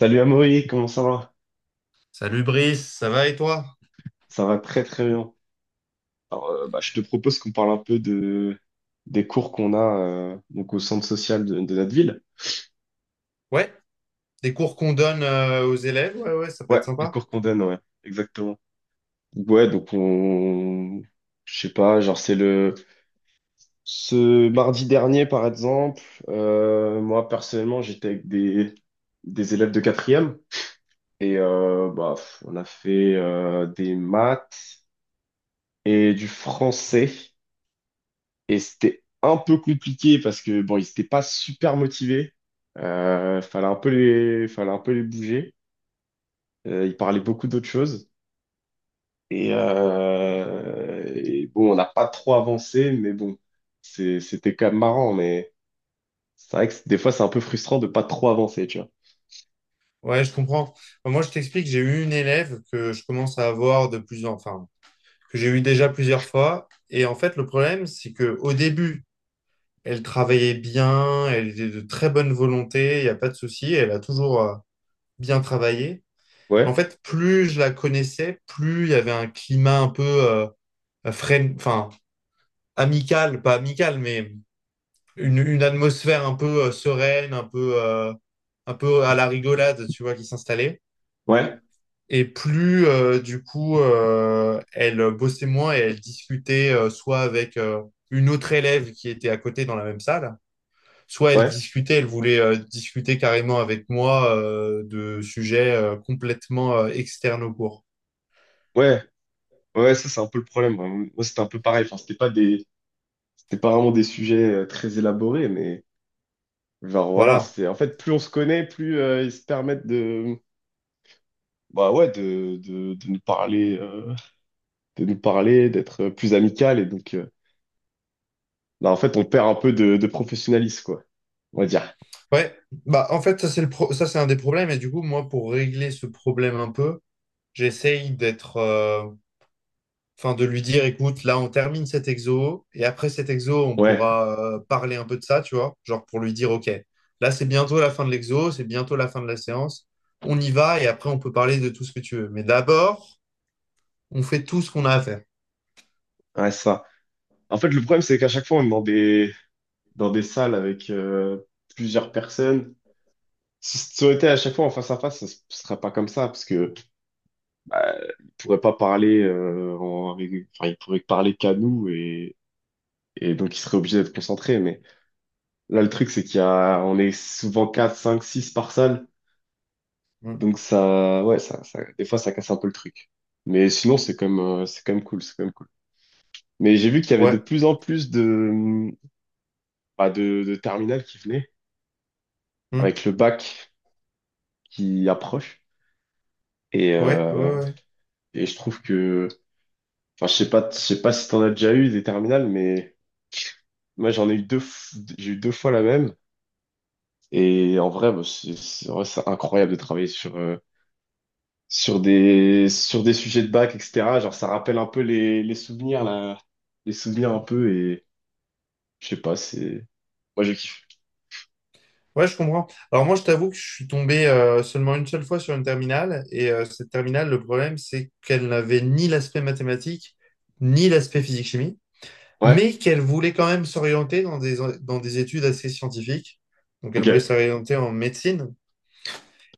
Salut Amaury, comment ça va? Salut Brice, ça va et toi? Ça va très très bien. Alors, je te propose qu'on parle un peu de des cours qu'on a donc au centre social de notre ville. Ouais, des cours qu'on donne aux élèves, ouais, ça peut Ouais, être les sympa. cours qu'on donne, ouais, exactement. Ouais, donc on, je sais pas, genre c'est le ce mardi dernier par exemple. Moi personnellement, j'étais avec des élèves de quatrième et on a fait des maths et du français. Et c'était un peu compliqué parce que bon, ils n'étaient pas super motivés. Fallait un peu les bouger. Ils parlaient beaucoup d'autres choses. Et bon, on n'a pas trop avancé, mais bon, c'était quand même marrant. Mais c'est vrai que des fois, c'est un peu frustrant de pas trop avancer, tu vois. Ouais, je comprends. Enfin, moi, je t'explique, j'ai eu une élève que je commence à avoir de plus en, enfin, que j'ai eu déjà plusieurs fois. Et en fait, le problème, c'est que au début, elle travaillait bien, elle était de très bonne volonté, il n'y a pas de souci, elle a toujours bien travaillé. En Ouais, fait, plus je la connaissais, plus il y avait un climat un peu enfin, amical, pas amical, mais une atmosphère un peu sereine, un peu à la rigolade, tu vois, qui s'installait. ouais, Et plus, du coup, elle bossait moins et elle discutait soit avec une autre élève qui était à côté dans la même salle, soit elle ouais, discutait, elle voulait discuter carrément avec moi de sujets complètement externes au cours. ouais, ouais. Ça, c'est un peu le problème. Moi, c'était un peu pareil. Enfin, c'était pas vraiment des sujets très élaborés, mais genre voilà. Voilà. C'est en fait, plus on se connaît, plus ils se permettent de bah ouais, de nous parler, d'être plus amical. Et donc, là, en fait, on perd un peu de professionnalisme, quoi. On va dire. Ouais, bah en fait ça c'est le ça c'est un des problèmes et du coup moi pour régler ce problème un peu, j'essaye d'être enfin, de lui dire, écoute, là, on termine cet exo, et après cet exo, on Ouais, pourra parler un peu de ça, tu vois, genre pour lui dire, OK, là, c'est bientôt la fin de l'exo, c'est bientôt la fin de la séance, on y va, et après, on peut parler de tout ce que tu veux. Mais d'abord, on fait tout ce qu'on a à faire. ouais, ça. En fait, le problème, c'est qu'à chaque fois, on est dans des, salles avec plusieurs personnes. Si ça aurait été à chaque fois en face à face, ça ne serait pas comme ça, parce que euh, ils pourraient pas parler, enfin, ils pourraient parler qu'à nous et, donc ils seraient obligés d'être concentrés. Mais là, le truc, c'est on est souvent 4, 5, 6 par salle. Mm. Donc ça, ouais, des fois ça casse un peu le truc. Mais sinon c'est quand même cool, c'est quand même cool. Mais j'ai vu qu'il y avait de Ouais. plus en plus de, bah, de terminales qui venaient Mm. avec le bac qui approche. Et, Ouais, ouais, euh, ouais. et je trouve que, enfin je sais pas si t'en as déjà eu des terminales, mais moi j'en ai eu j'ai eu deux fois la même. Et en vrai, bah, en vrai, c'est incroyable de travailler sur sur des sujets de bac, etc. Genre ça rappelle un peu les souvenirs là les souvenirs un peu. Je sais pas, c'est... Moi, je kiffe. Ouais, je comprends. Alors moi, je t'avoue que je suis tombé seulement une seule fois sur une terminale, et cette terminale, le problème, c'est qu'elle n'avait ni l'aspect mathématique, ni l'aspect physique-chimie, Ouais? mais qu'elle voulait quand même s'orienter dans des études assez scientifiques. Donc, elle voulait Ok. s'orienter en médecine.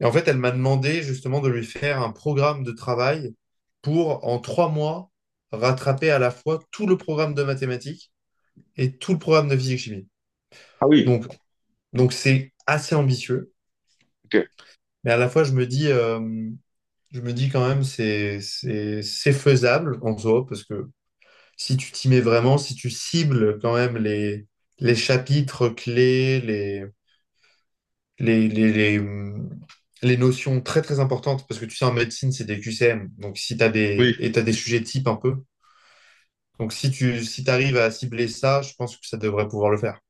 Et en fait, elle m'a demandé justement de lui faire un programme de travail pour, en trois mois, rattraper à la fois tout le programme de mathématiques et tout le programme de physique-chimie. Ah oui, Donc, donc c'est assez ambitieux, ok. mais à la fois, je me dis quand même, c'est faisable en soi, parce que si tu t'y mets vraiment, si tu cibles quand même les chapitres clés, les, les, les, hum, les notions très très importantes, parce que tu sais, en médecine, c'est des QCM, donc si t'as des, Oui. et t'as des sujets types un peu. Donc si tu si t'arrives à cibler ça, je pense que ça devrait pouvoir le faire.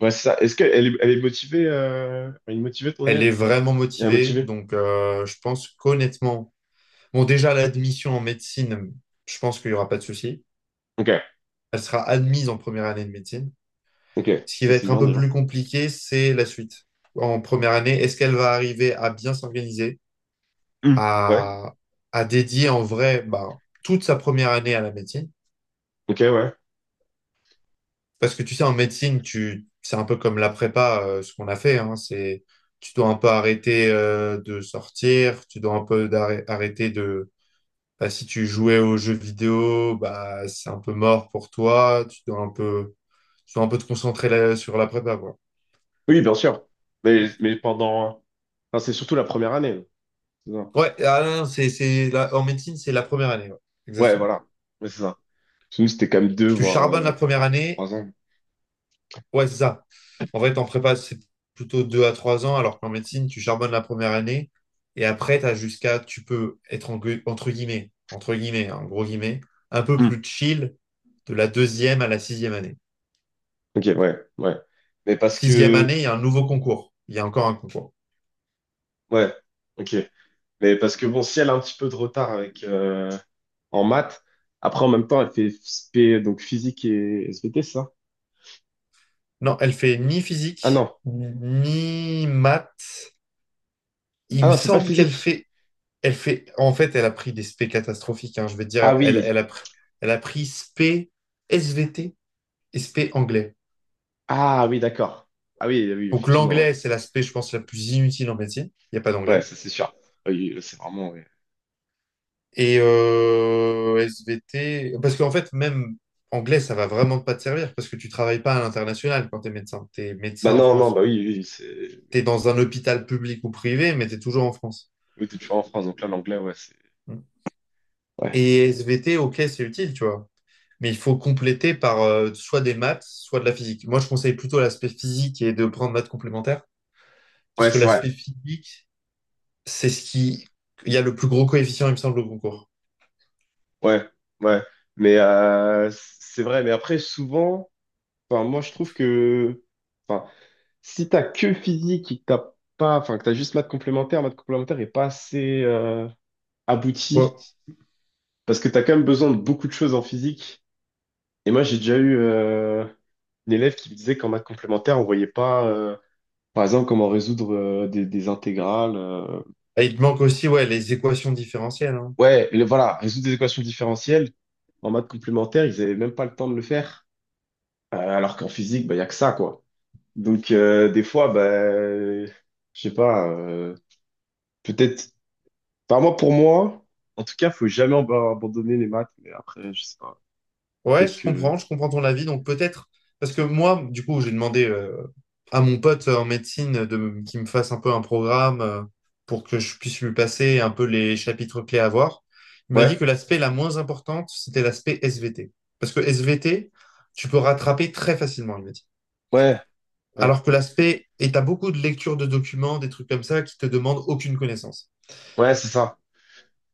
Ouais, c'est ça. Est-ce elle est motivée, ton Elle élève? est vraiment Elle est motivée, motivée? donc je pense qu'honnêtement, bon déjà l'admission en médecine, je pense qu'il n'y aura pas de souci. Ok. Elle sera admise en première année de médecine. Ok. Ce qui Ça, va c'est être un bien, peu déjà. plus compliqué, c'est la suite. En première année, est-ce qu'elle va arriver à bien s'organiser? Hmm. Ouais. À, à dédier en vrai bah, toute sa première année à la médecine. Ok, ouais. Parce que tu sais, en médecine, tu, c'est un peu comme la prépa, ce qu'on a fait. Hein, c'est, tu dois un peu arrêter de sortir, tu dois un peu arrêter de... Bah, si tu jouais aux jeux vidéo, bah, c'est un peu mort pour toi. Tu dois un peu, tu dois un peu te concentrer sur la prépa, quoi. Oui, bien sûr. Mais pendant... Enfin, c'est surtout la première année. C'est ça. Ouais, ah non, non, c'est, en médecine, c'est la première année. Ouais, Ouais, exactement. voilà. Ouais, c'est ça. Parce nous, c'était quand même 2, Tu voire charbonnes la première année. 3 ans. Ouais, c'est ça. En fait, en prépa, c'est plutôt 2 à 3 ans, alors qu'en médecine, tu charbonnes la première année et après, t'as jusqu'à, tu peux être en entre guillemets, hein, en gros guillemets, un peu Hmm. plus chill de la deuxième à la sixième année. Ok, ouais, ouais. Mais parce Sixième que... année, il y a un nouveau concours. Il y a encore un concours. Ouais. Ok. Mais parce que, bon, si elle a un petit peu de retard avec... en maths. Après, en même temps, elle fait SP, donc physique et SVT, c'est ça? Non, elle fait ni Ah non. physique, ni maths. Il Ah me non, elle fait pas semble qu'elle physique. fait, elle fait, en fait, elle a pris des spé catastrophiques, hein, je vais te dire, Ah oui. Elle a pris spé SVT et spé anglais. Ah oui, d'accord. Ah oui, oui, Donc effectivement, ouais. l'anglais, c'est l'aspect, je pense, la plus inutile en médecine. Il n'y a pas Ouais, d'anglais. ça c'est sûr. Ah oui, c'est vraiment, ouais. Et SVT, parce qu'en fait, même anglais, ça va vraiment pas te servir parce que tu travailles pas à l'international quand tu es médecin. Tu es Bah médecin en non, non, France. bah oui, oui, c'est... Tu es dans un hôpital public ou privé, mais tu es toujours en France. Oui, t'es toujours en France, donc là, l'anglais, ouais, c'est... Ouais, Et SVT, ok, c'est utile, tu vois. Mais il faut compléter par soit des maths, soit de la physique. Moi, je conseille plutôt l'aspect physique et de prendre maths complémentaires parce ouais, que c'est vrai. l'aspect physique, c'est ce qui... Il y a le plus gros coefficient, il me semble, au concours. Ouais, ouais. Mais c'est vrai, mais après, souvent, enfin, moi, je trouve que... Enfin, si t'as que physique et que t'as pas... Enfin, que t'as juste maths complémentaire est pas assez abouti. Ouais. Parce que tu as quand même besoin de beaucoup de choses en physique. Et moi, j'ai déjà eu une élève qui me disait qu'en maths complémentaire, on voyait pas, par exemple, comment résoudre des intégrales. Et il te manque aussi ouais, les équations différentielles, hein. Ouais, voilà, résoudre des équations différentielles. En maths complémentaire, ils avaient même pas le temps de le faire. Alors qu'en physique, bah, il y a que ça, quoi. Donc, des fois, bah, je sais pas, peut-être. Enfin, moi, pour moi, en tout cas, faut jamais abandonner les maths. Mais après, je sais pas. Ouais, Peut-être que. Je comprends ton avis. Donc peut-être, parce que moi, du coup, j'ai demandé à mon pote en médecine de, qu'il me fasse un peu un programme pour que je puisse lui passer un peu les chapitres clés à voir. Il m'a dit Ouais, que l'aspect la moins importante, c'était l'aspect SVT. Parce que SVT, tu peux rattraper très facilement, il m'a dit. ouais, ouais. Alors que l'aspect, et t'as beaucoup de lectures de documents, des trucs comme ça, qui te demandent aucune connaissance. Ouais, c'est ça.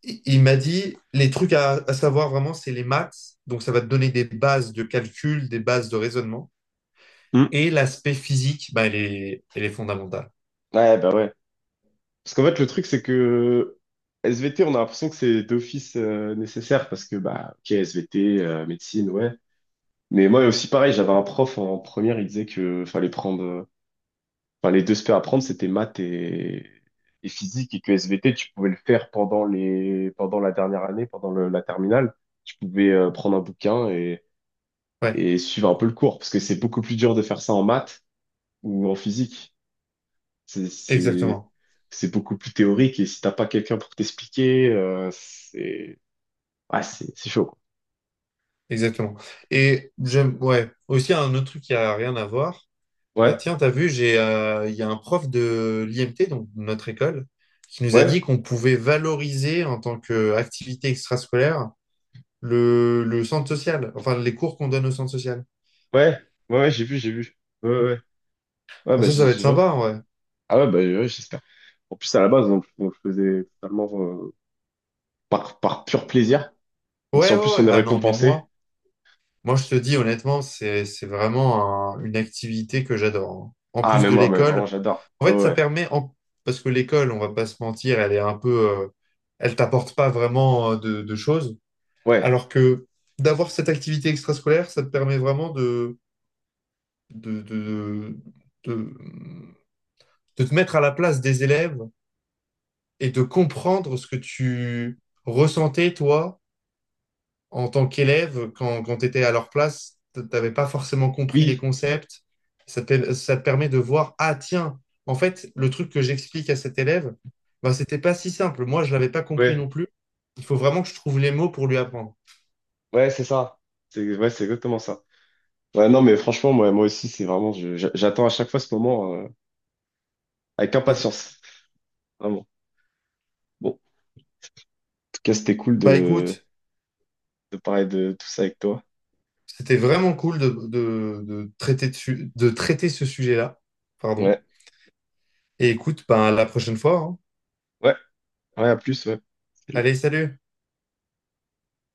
Il m'a dit, les trucs à savoir vraiment, c'est les maths. Donc, ça va te donner des bases de calcul, des bases de raisonnement. Et l'aspect physique, bah, elle est fondamentale. Ouais, bah ouais. Parce qu'en fait, le truc, c'est que SVT, on a l'impression que c'est d'office nécessaire parce que, bah, ok, SVT, médecine, ouais. Mais moi aussi, pareil, j'avais un prof en première, il disait que fallait prendre, enfin, les deux spé à prendre, c'était maths et, physique et que SVT, tu pouvais le faire pendant pendant la dernière année, pendant la terminale. Tu pouvais prendre un bouquin et, Ouais, suivre un peu le cours parce que c'est beaucoup plus dur de faire ça en maths ou en physique. C'est, c'est, exactement. c'est beaucoup plus théorique et si t'as pas quelqu'un pour t'expliquer, c'est, ouais, c'est chaud, quoi. Exactement. Et j'aime, ouais, aussi un autre truc qui a rien à voir. Ouais, Tiens, t'as vu, il y a un prof de l'IMT, donc de notre école, qui nous a ouais, dit qu'on pouvait valoriser en tant qu'activité extrascolaire le centre social, enfin les cours qu'on donne au centre social. ouais, ouais, ouais, j'ai vu, j'ai vu. Ouais, ouais, ouais, Ouais, bah, Enfin, ça va être ouais. sympa, ouais. Ah ouais, bah, ouais, ouais, j'espère. En plus, à la base, on le faisait totalement par pur plaisir. Donc, si Ouais, en ouais, plus ouais. on est Ah non, mais récompensé, moi, je te dis honnêtement, c'est vraiment une activité que j'adore, hein. En ah, plus mais de moi, mais vraiment, l'école, j'adore. en Ouais, fait, ça ouais, permet, parce que l'école, on va pas se mentir, elle est un peu, elle t'apporte pas vraiment de choses. ouais, Alors que d'avoir cette activité extrascolaire, ça te permet vraiment de, de, de, de te mettre à la place des élèves et de comprendre ce que tu ressentais, toi, en tant qu'élève, quand, quand tu étais à leur place, tu n'avais pas forcément compris les oui, concepts. Ça te permet de voir, ah tiens, en fait, le truc que j'explique à cet élève, bah, c'était pas si simple. Moi, je l'avais pas compris ouais, non plus. Il faut vraiment que je trouve les mots pour lui apprendre. ouais, c'est ça. C'est, ouais, c'est exactement ça. Ouais, non, mais franchement, moi, aussi, c'est vraiment, j'attends à chaque fois ce moment avec Mm. impatience. Vraiment. Bon. Tout cas, c'était cool Bah de, écoute, de parler de tout ça avec toi. c'était vraiment cool de traiter ce sujet-là. Pardon. Ouais, Et écoute, ben, à la prochaine fois, hein. ouais, ouais, à plus, ouais. Salut. Allez, salut!